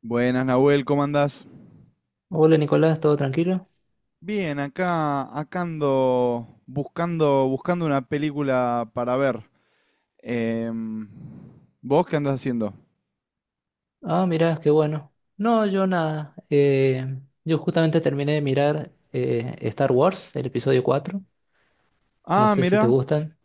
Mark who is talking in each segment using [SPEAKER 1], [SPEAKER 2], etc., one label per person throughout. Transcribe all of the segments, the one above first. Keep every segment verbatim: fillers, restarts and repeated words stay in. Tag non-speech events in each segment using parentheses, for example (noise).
[SPEAKER 1] Buenas, Nahuel, ¿cómo andás?
[SPEAKER 2] Hola Nicolás, ¿todo tranquilo?
[SPEAKER 1] Bien, acá, acá ando buscando, buscando una película para ver. Em, ¿Vos qué andás haciendo?
[SPEAKER 2] Ah, mirá, qué bueno. No, yo nada. Eh, yo justamente terminé de mirar eh, Star Wars, el episodio cuatro. No
[SPEAKER 1] Ah,
[SPEAKER 2] sé si te
[SPEAKER 1] mirá,
[SPEAKER 2] gustan.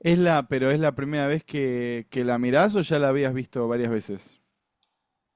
[SPEAKER 1] es la, pero es la primera vez que, que la mirás o ya la habías visto varias veces.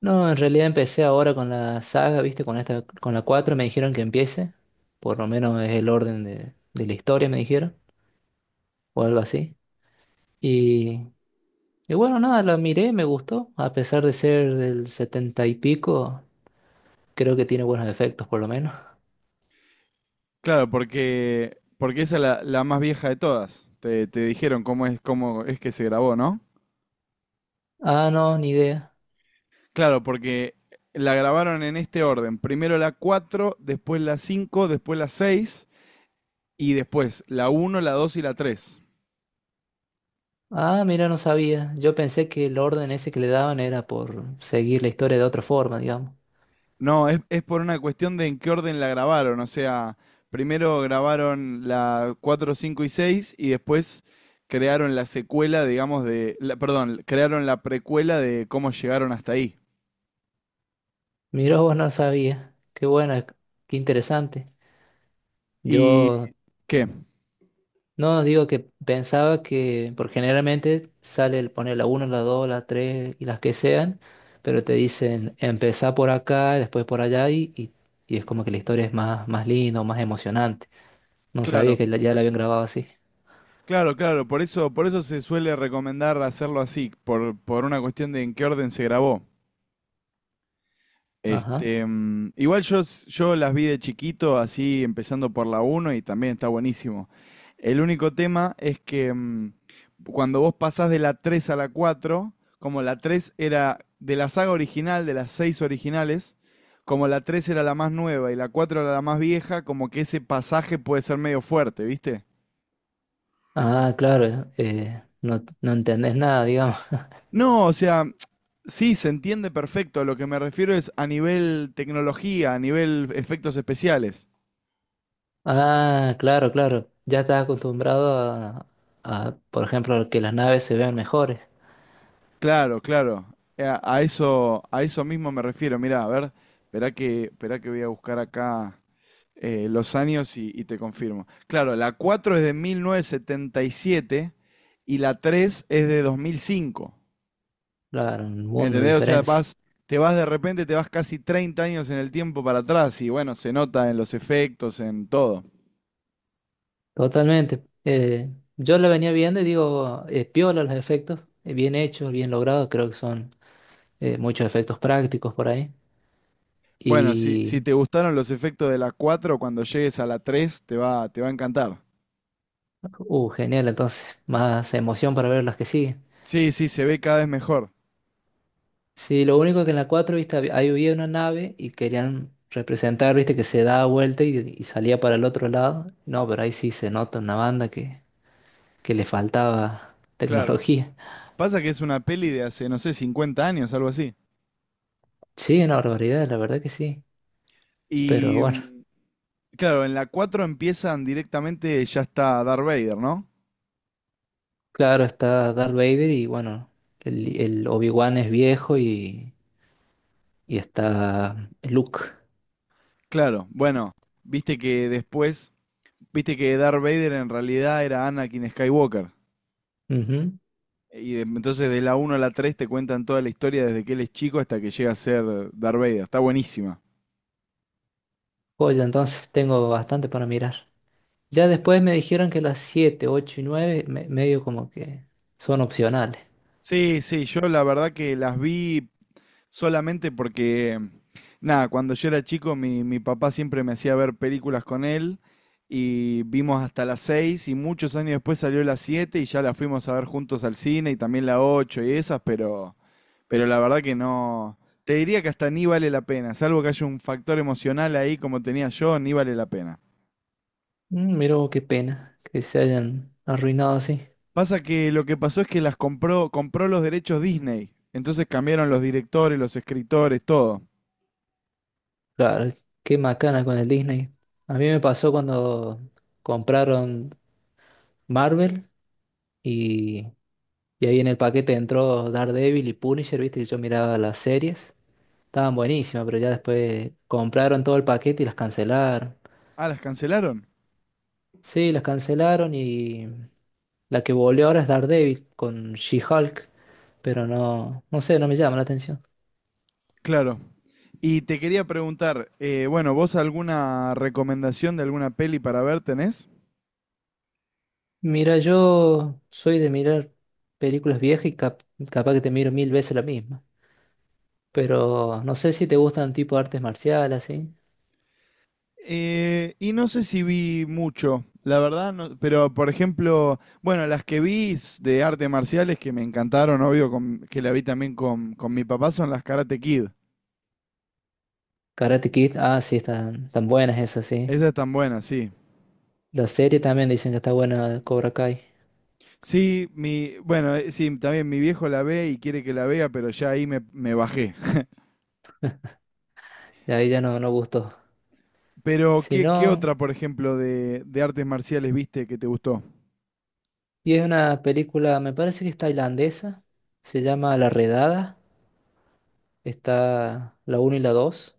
[SPEAKER 2] No, en realidad empecé ahora con la saga, ¿viste? Con esta, con la cuatro, me dijeron que empiece. Por lo menos es el orden de, de la historia, me dijeron, o algo así. Y, y bueno, nada, la miré, me gustó. A pesar de ser del setenta y pico, creo que tiene buenos efectos, por lo menos.
[SPEAKER 1] Claro, porque, porque esa es la, la más vieja de todas. Te, te dijeron cómo es, cómo es que se grabó, ¿no?
[SPEAKER 2] Ah, no, ni idea.
[SPEAKER 1] Claro, porque la grabaron en este orden. Primero la cuatro, después la cinco, después la seis. Y después, la uno, la dos y la tres.
[SPEAKER 2] Ah, mira, no sabía. Yo pensé que el orden ese que le daban era por seguir la historia de otra forma, digamos.
[SPEAKER 1] No, es, es por una cuestión de en qué orden la grabaron. O sea, primero grabaron la cuatro, cinco y seis y después crearon la secuela, digamos, de... la- perdón, crearon la precuela de cómo llegaron hasta ahí.
[SPEAKER 2] Mira, vos no sabía. Qué buena, qué interesante.
[SPEAKER 1] ¿Y
[SPEAKER 2] Yo
[SPEAKER 1] qué?
[SPEAKER 2] no digo que pensaba que, por generalmente sale el poner la uno, la dos, la tres y las que sean, pero te dicen empezá por acá, después por allá y, y, y es como que la historia es más, más linda, o más emocionante. No sabía
[SPEAKER 1] Claro,
[SPEAKER 2] que la- ya la habían grabado así.
[SPEAKER 1] claro, claro. Por eso, por eso se suele recomendar hacerlo así, por, por una cuestión de en qué orden se grabó.
[SPEAKER 2] Ajá.
[SPEAKER 1] Este, mm, igual yo, s- yo las vi de chiquito, así empezando por la uno y también está buenísimo. El único tema es que mm, cuando vos pasás de la tres a la cuatro, como la tres era de la saga original, de las seis originales, como la tres era la más nueva y la cuatro era la más vieja, como que ese pasaje puede ser medio fuerte, ¿viste?
[SPEAKER 2] Ah, claro, eh, no, no entendés nada, digamos.
[SPEAKER 1] No, o sea, (tsk) sí, se entiende perfecto. Lo que me refiero es a nivel tecnología, a nivel efectos especiales.
[SPEAKER 2] Ah, claro, claro. Ya estás acostumbrado a, a, por ejemplo, que las naves se vean mejores.
[SPEAKER 1] Claro, claro. Eh, A, a eso, a eso mismo me refiero. Mirá, a ver, esperá que, esperá que voy a buscar acá eh, los años y, y te confirmo. Claro, la cuatro es de mil novecientos setenta y siete y la tres es de dos mil cinco.
[SPEAKER 2] Claro, un mundo de
[SPEAKER 1] ¿Entendés? O sea,
[SPEAKER 2] diferencia.
[SPEAKER 1] vas, te vas de repente, te vas casi treinta años en el tiempo para atrás y bueno, se nota en los efectos, en todo.
[SPEAKER 2] Totalmente. Eh, yo la venía viendo y digo, eh, piola los efectos, eh, bien hechos, bien logrados. Creo que son eh, muchos efectos prácticos por ahí.
[SPEAKER 1] Bueno, si, si
[SPEAKER 2] Y,
[SPEAKER 1] te gustaron los efectos de la cuatro, cuando llegues a la tres te va, te va a encantar.
[SPEAKER 2] uh, genial, entonces, más emoción para ver las que siguen.
[SPEAKER 1] Sí, sí, se ve cada vez mejor.
[SPEAKER 2] Sí, lo único que en la cuatro viste, hab- ahí había una nave y querían representar, viste, que se daba vuelta y, y salía para el otro lado. No, pero ahí sí se nota una banda que, que le faltaba
[SPEAKER 1] Claro.
[SPEAKER 2] tecnología. (laughs)
[SPEAKER 1] Pasa que es una peli de hace, no sé, cincuenta años, algo así.
[SPEAKER 2] Sí, una barbaridad, la verdad que sí. Pero
[SPEAKER 1] Y
[SPEAKER 2] bueno,
[SPEAKER 1] mm, claro, en la cuatro empiezan directamente, ya está Darth Vader, ¿no?
[SPEAKER 2] claro, está Darth Vader y bueno, el, el Obi-Wan es viejo y, y está Luke.
[SPEAKER 1] Claro, bueno, viste que después, viste que Darth Vader en realidad era Anakin Skywalker.
[SPEAKER 2] Ujú.
[SPEAKER 1] Y de- entonces de la uno a la tres te cuentan toda la historia desde que él es chico hasta que llega a ser Darth Vader. Está buenísima.
[SPEAKER 2] Oye, entonces tengo bastante para mirar. Ya después me dijeron que las siete, ocho y nueve medio como que son opcionales.
[SPEAKER 1] Sí, sí, yo la verdad que las vi Solamente porque, nada, cuando yo era chico, mi, mi papá siempre me hacía ver películas con él y vimos hasta las seis y muchos años después salió las siete y ya la fuimos a ver juntos al cine y también la ocho y esas, pero, pero, la verdad que no. Te diría que hasta ni vale la pena, salvo que haya un factor emocional ahí como tenía yo, ni vale la pena.
[SPEAKER 2] Mm, Miro, qué pena que se hayan arruinado así.
[SPEAKER 1] Pasa que lo que pasó es que las compró, compró los derechos Disney, entonces cambiaron los directores, los escritores, todo.
[SPEAKER 2] Claro, qué macana con el Disney. A mí me pasó cuando compraron Marvel y, y ahí en el paquete entró Daredevil y Punisher, viste que yo miraba las series. Estaban buenísimas, pero ya después compraron todo el paquete y las cancelaron.
[SPEAKER 1] Ah, ¿las cancelaron?
[SPEAKER 2] Sí, las cancelaron y la que volvió ahora es Daredevil con She-Hulk, pero no, no sé, no me llama la atención.
[SPEAKER 1] Claro. Y te quería preguntar, eh, bueno, ¿vos alguna recomendación de alguna peli para ver tenés?
[SPEAKER 2] Mira, yo soy de mirar películas viejas y cap- capaz que te miro mil veces la misma. Pero no sé si te gustan tipo artes marciales, ¿sí?
[SPEAKER 1] Eh, y no sé si vi mucho, la verdad, no- pero por ejemplo, bueno, las que vi s- de artes marciales que me encantaron, obvio, con- que la vi también con, con mi papá, son las Karate Kid.
[SPEAKER 2] Karate Kid, ah, sí, están tan buenas esas, sí.
[SPEAKER 1] Esas están buenas, sí.
[SPEAKER 2] La serie también dicen que está buena, Cobra Kai.
[SPEAKER 1] Sí, mi, bueno, eh, sí, también mi viejo la ve y quiere que la vea, pero ya ahí me, me bajé.
[SPEAKER 2] Y ahí ya no, no gustó.
[SPEAKER 1] Pero,
[SPEAKER 2] Si
[SPEAKER 1] ¿qué, qué
[SPEAKER 2] no,
[SPEAKER 1] otra, por ejemplo, de, de artes marciales viste que te gustó?
[SPEAKER 2] y es una película, me parece que es tailandesa. Se llama La Redada. Está la uno y la dos.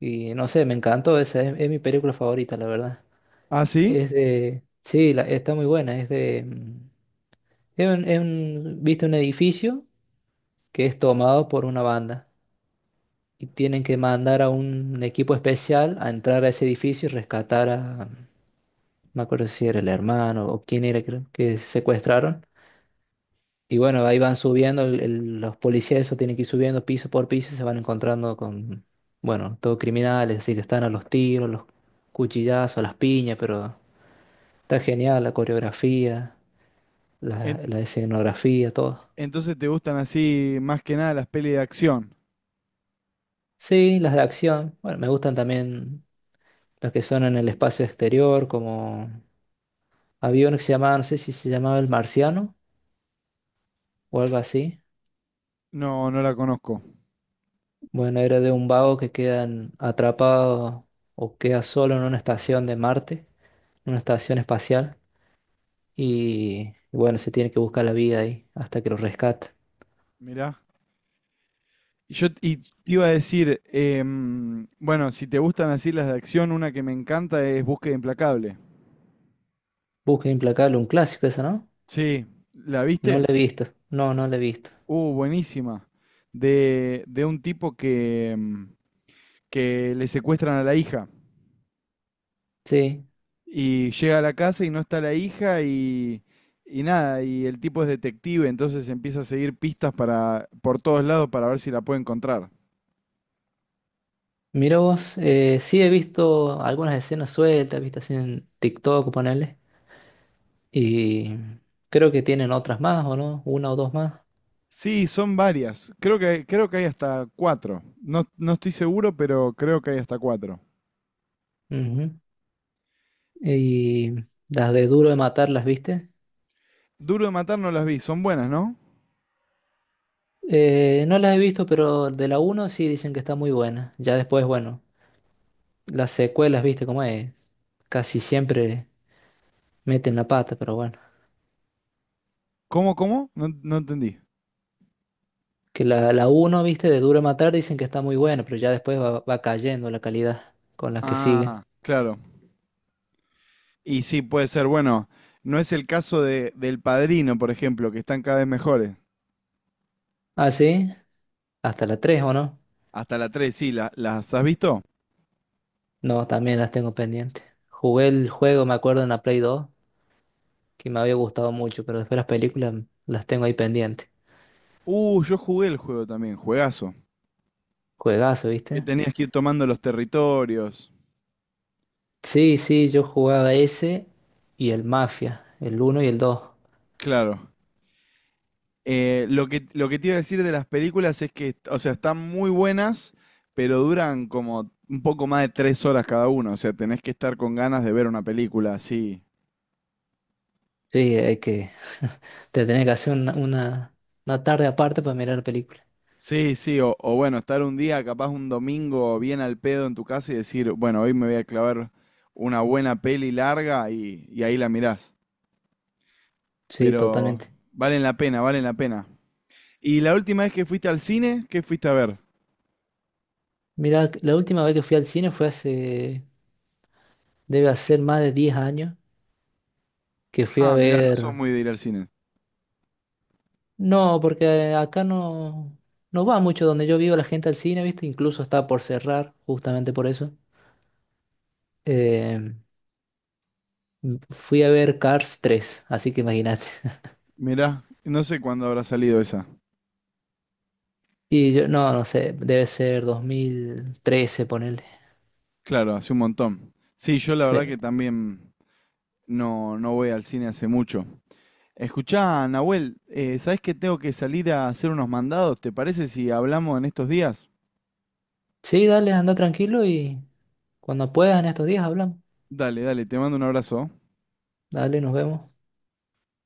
[SPEAKER 2] Y no sé, me encantó esa, es es mi película favorita, la verdad.
[SPEAKER 1] ¿Ah, sí?
[SPEAKER 2] Es de, sí, la- está muy buena. Es de, mm, es un, es un- viste un edificio que es tomado por una banda y tienen que mandar a un equipo especial a entrar a ese edificio y rescatar a, no me acuerdo si era el hermano o quién era creo, que secuestraron. Y bueno, ahí van subiendo, el- el- los policías eso tienen que ir subiendo piso por piso y se van encontrando con, bueno, todos criminales, así que están a los tiros, los cuchillazos, a las piñas, pero está genial la coreografía. la,
[SPEAKER 1] En-
[SPEAKER 2] la escenografía, todo.
[SPEAKER 1] entonces te gustan así más que nada las pelis de acción.
[SPEAKER 2] Sí, las de acción. Bueno, me gustan también las que son en el espacio exterior, como había uno que se llamaba, no sé si se llamaba El Marciano o algo así.
[SPEAKER 1] No, no la conozco.
[SPEAKER 2] Bueno, era de un vago que queda atrapado o queda solo en una estación de Marte, una estación espacial, y, y bueno, se tiene que buscar la vida ahí hasta que lo rescate.
[SPEAKER 1] Mirá. Y yo t- y te iba a decir, em, bueno, si te gustan así las de acción, una que me encanta es Búsqueda Implacable.
[SPEAKER 2] Busca Implacable, un clásico esa, ¿no?
[SPEAKER 1] Sí, ¿la
[SPEAKER 2] No
[SPEAKER 1] viste?
[SPEAKER 2] la he visto. No, no la he visto.
[SPEAKER 1] Uh, buenísima. De, de un tipo que, em, que le secuestran a la hija.
[SPEAKER 2] Sí.
[SPEAKER 1] Y llega a la casa y no está la hija y, y nada, y el tipo es detective, entonces empieza a seguir pistas para, por todos lados para ver si la puede encontrar.
[SPEAKER 2] Mira vos, eh, sí he visto algunas escenas sueltas, vistas así en TikTok, ponele, y creo que tienen otras más, ¿o no? Una o dos más.
[SPEAKER 1] Sí, son varias. Creo que, creo que hay hasta cuatro. No, no estoy seguro, pero creo que hay hasta cuatro.
[SPEAKER 2] Ujú. Y las de Duro de Matar, ¿las viste?
[SPEAKER 1] Duro de matar no las vi, son buenas, ¿no?
[SPEAKER 2] Eh, no las he visto, pero de la uno sí dicen que está muy buena. Ya después, bueno, las secuelas, ¿viste? Como es, casi siempre meten la pata, pero bueno.
[SPEAKER 1] ¿Cómo, cómo? No, no entendí.
[SPEAKER 2] Que la, la uno, ¿viste? De Duro de Matar dicen que está muy buena, pero ya después va, va cayendo la calidad con las que siguen.
[SPEAKER 1] Ah, claro. Y sí, puede ser. Bueno, no es el caso de, del Padrino, por ejemplo, que están cada vez mejores.
[SPEAKER 2] Ah, sí, hasta la tres, ¿o no?
[SPEAKER 1] Hasta la tres, sí, la- ¿las has visto?
[SPEAKER 2] No, también las tengo pendientes. Jugué el juego, me acuerdo, en la Play dos que me había gustado mucho, pero después las películas las tengo ahí pendientes.
[SPEAKER 1] Uh, yo jugué el juego también, juegazo.
[SPEAKER 2] Juegazo,
[SPEAKER 1] Que
[SPEAKER 2] ¿viste?
[SPEAKER 1] tenías que ir tomando los territorios.
[SPEAKER 2] Sí, sí, yo jugaba ese y el Mafia, el uno y el dos.
[SPEAKER 1] Claro. Eh, lo que, lo que te iba a decir de las películas es que, o sea, están muy buenas, pero duran como un poco más de tres horas cada uno. O sea, tenés que estar con ganas de ver una película así.
[SPEAKER 2] Sí, hay que... (laughs) Te tenés que hacer una, una, una tarde aparte para mirar películas.
[SPEAKER 1] Sí, sí, o, o bueno, estar un día, capaz un domingo bien al pedo en tu casa y decir, bueno, hoy me voy a clavar una buena peli larga y, y ahí la mirás.
[SPEAKER 2] Sí,
[SPEAKER 1] Pero
[SPEAKER 2] totalmente.
[SPEAKER 1] valen la pena, valen la pena. ¿Y la última vez que fuiste al cine, qué fuiste a ver?
[SPEAKER 2] Mira, la última vez que fui al cine fue hace... Debe hacer más de diez años que fui a
[SPEAKER 1] Ah, mirá, no
[SPEAKER 2] ver.
[SPEAKER 1] sos muy de ir al cine.
[SPEAKER 2] No, porque acá no, no va mucho donde yo vivo la gente al cine, ¿viste? Incluso está por cerrar, justamente por eso. Eh, Fui a ver Cars tres, así que imagínate. (laughs)
[SPEAKER 1] Mirá, no sé cuándo habrá salido esa.
[SPEAKER 2] Y yo, no, no sé, debe ser dos mil trece ponele.
[SPEAKER 1] Claro, hace un montón. Sí, yo la verdad
[SPEAKER 2] Sí.
[SPEAKER 1] que también no, no voy al cine hace mucho. Escuchá, Nahuel, eh, ¿sabés que tengo que salir a hacer unos mandados? ¿Te parece si hablamos en estos días?
[SPEAKER 2] Sí, dale, anda tranquilo y cuando puedas en estos días hablamos.
[SPEAKER 1] Dale, dale, te mando un abrazo.
[SPEAKER 2] Dale, nos vemos.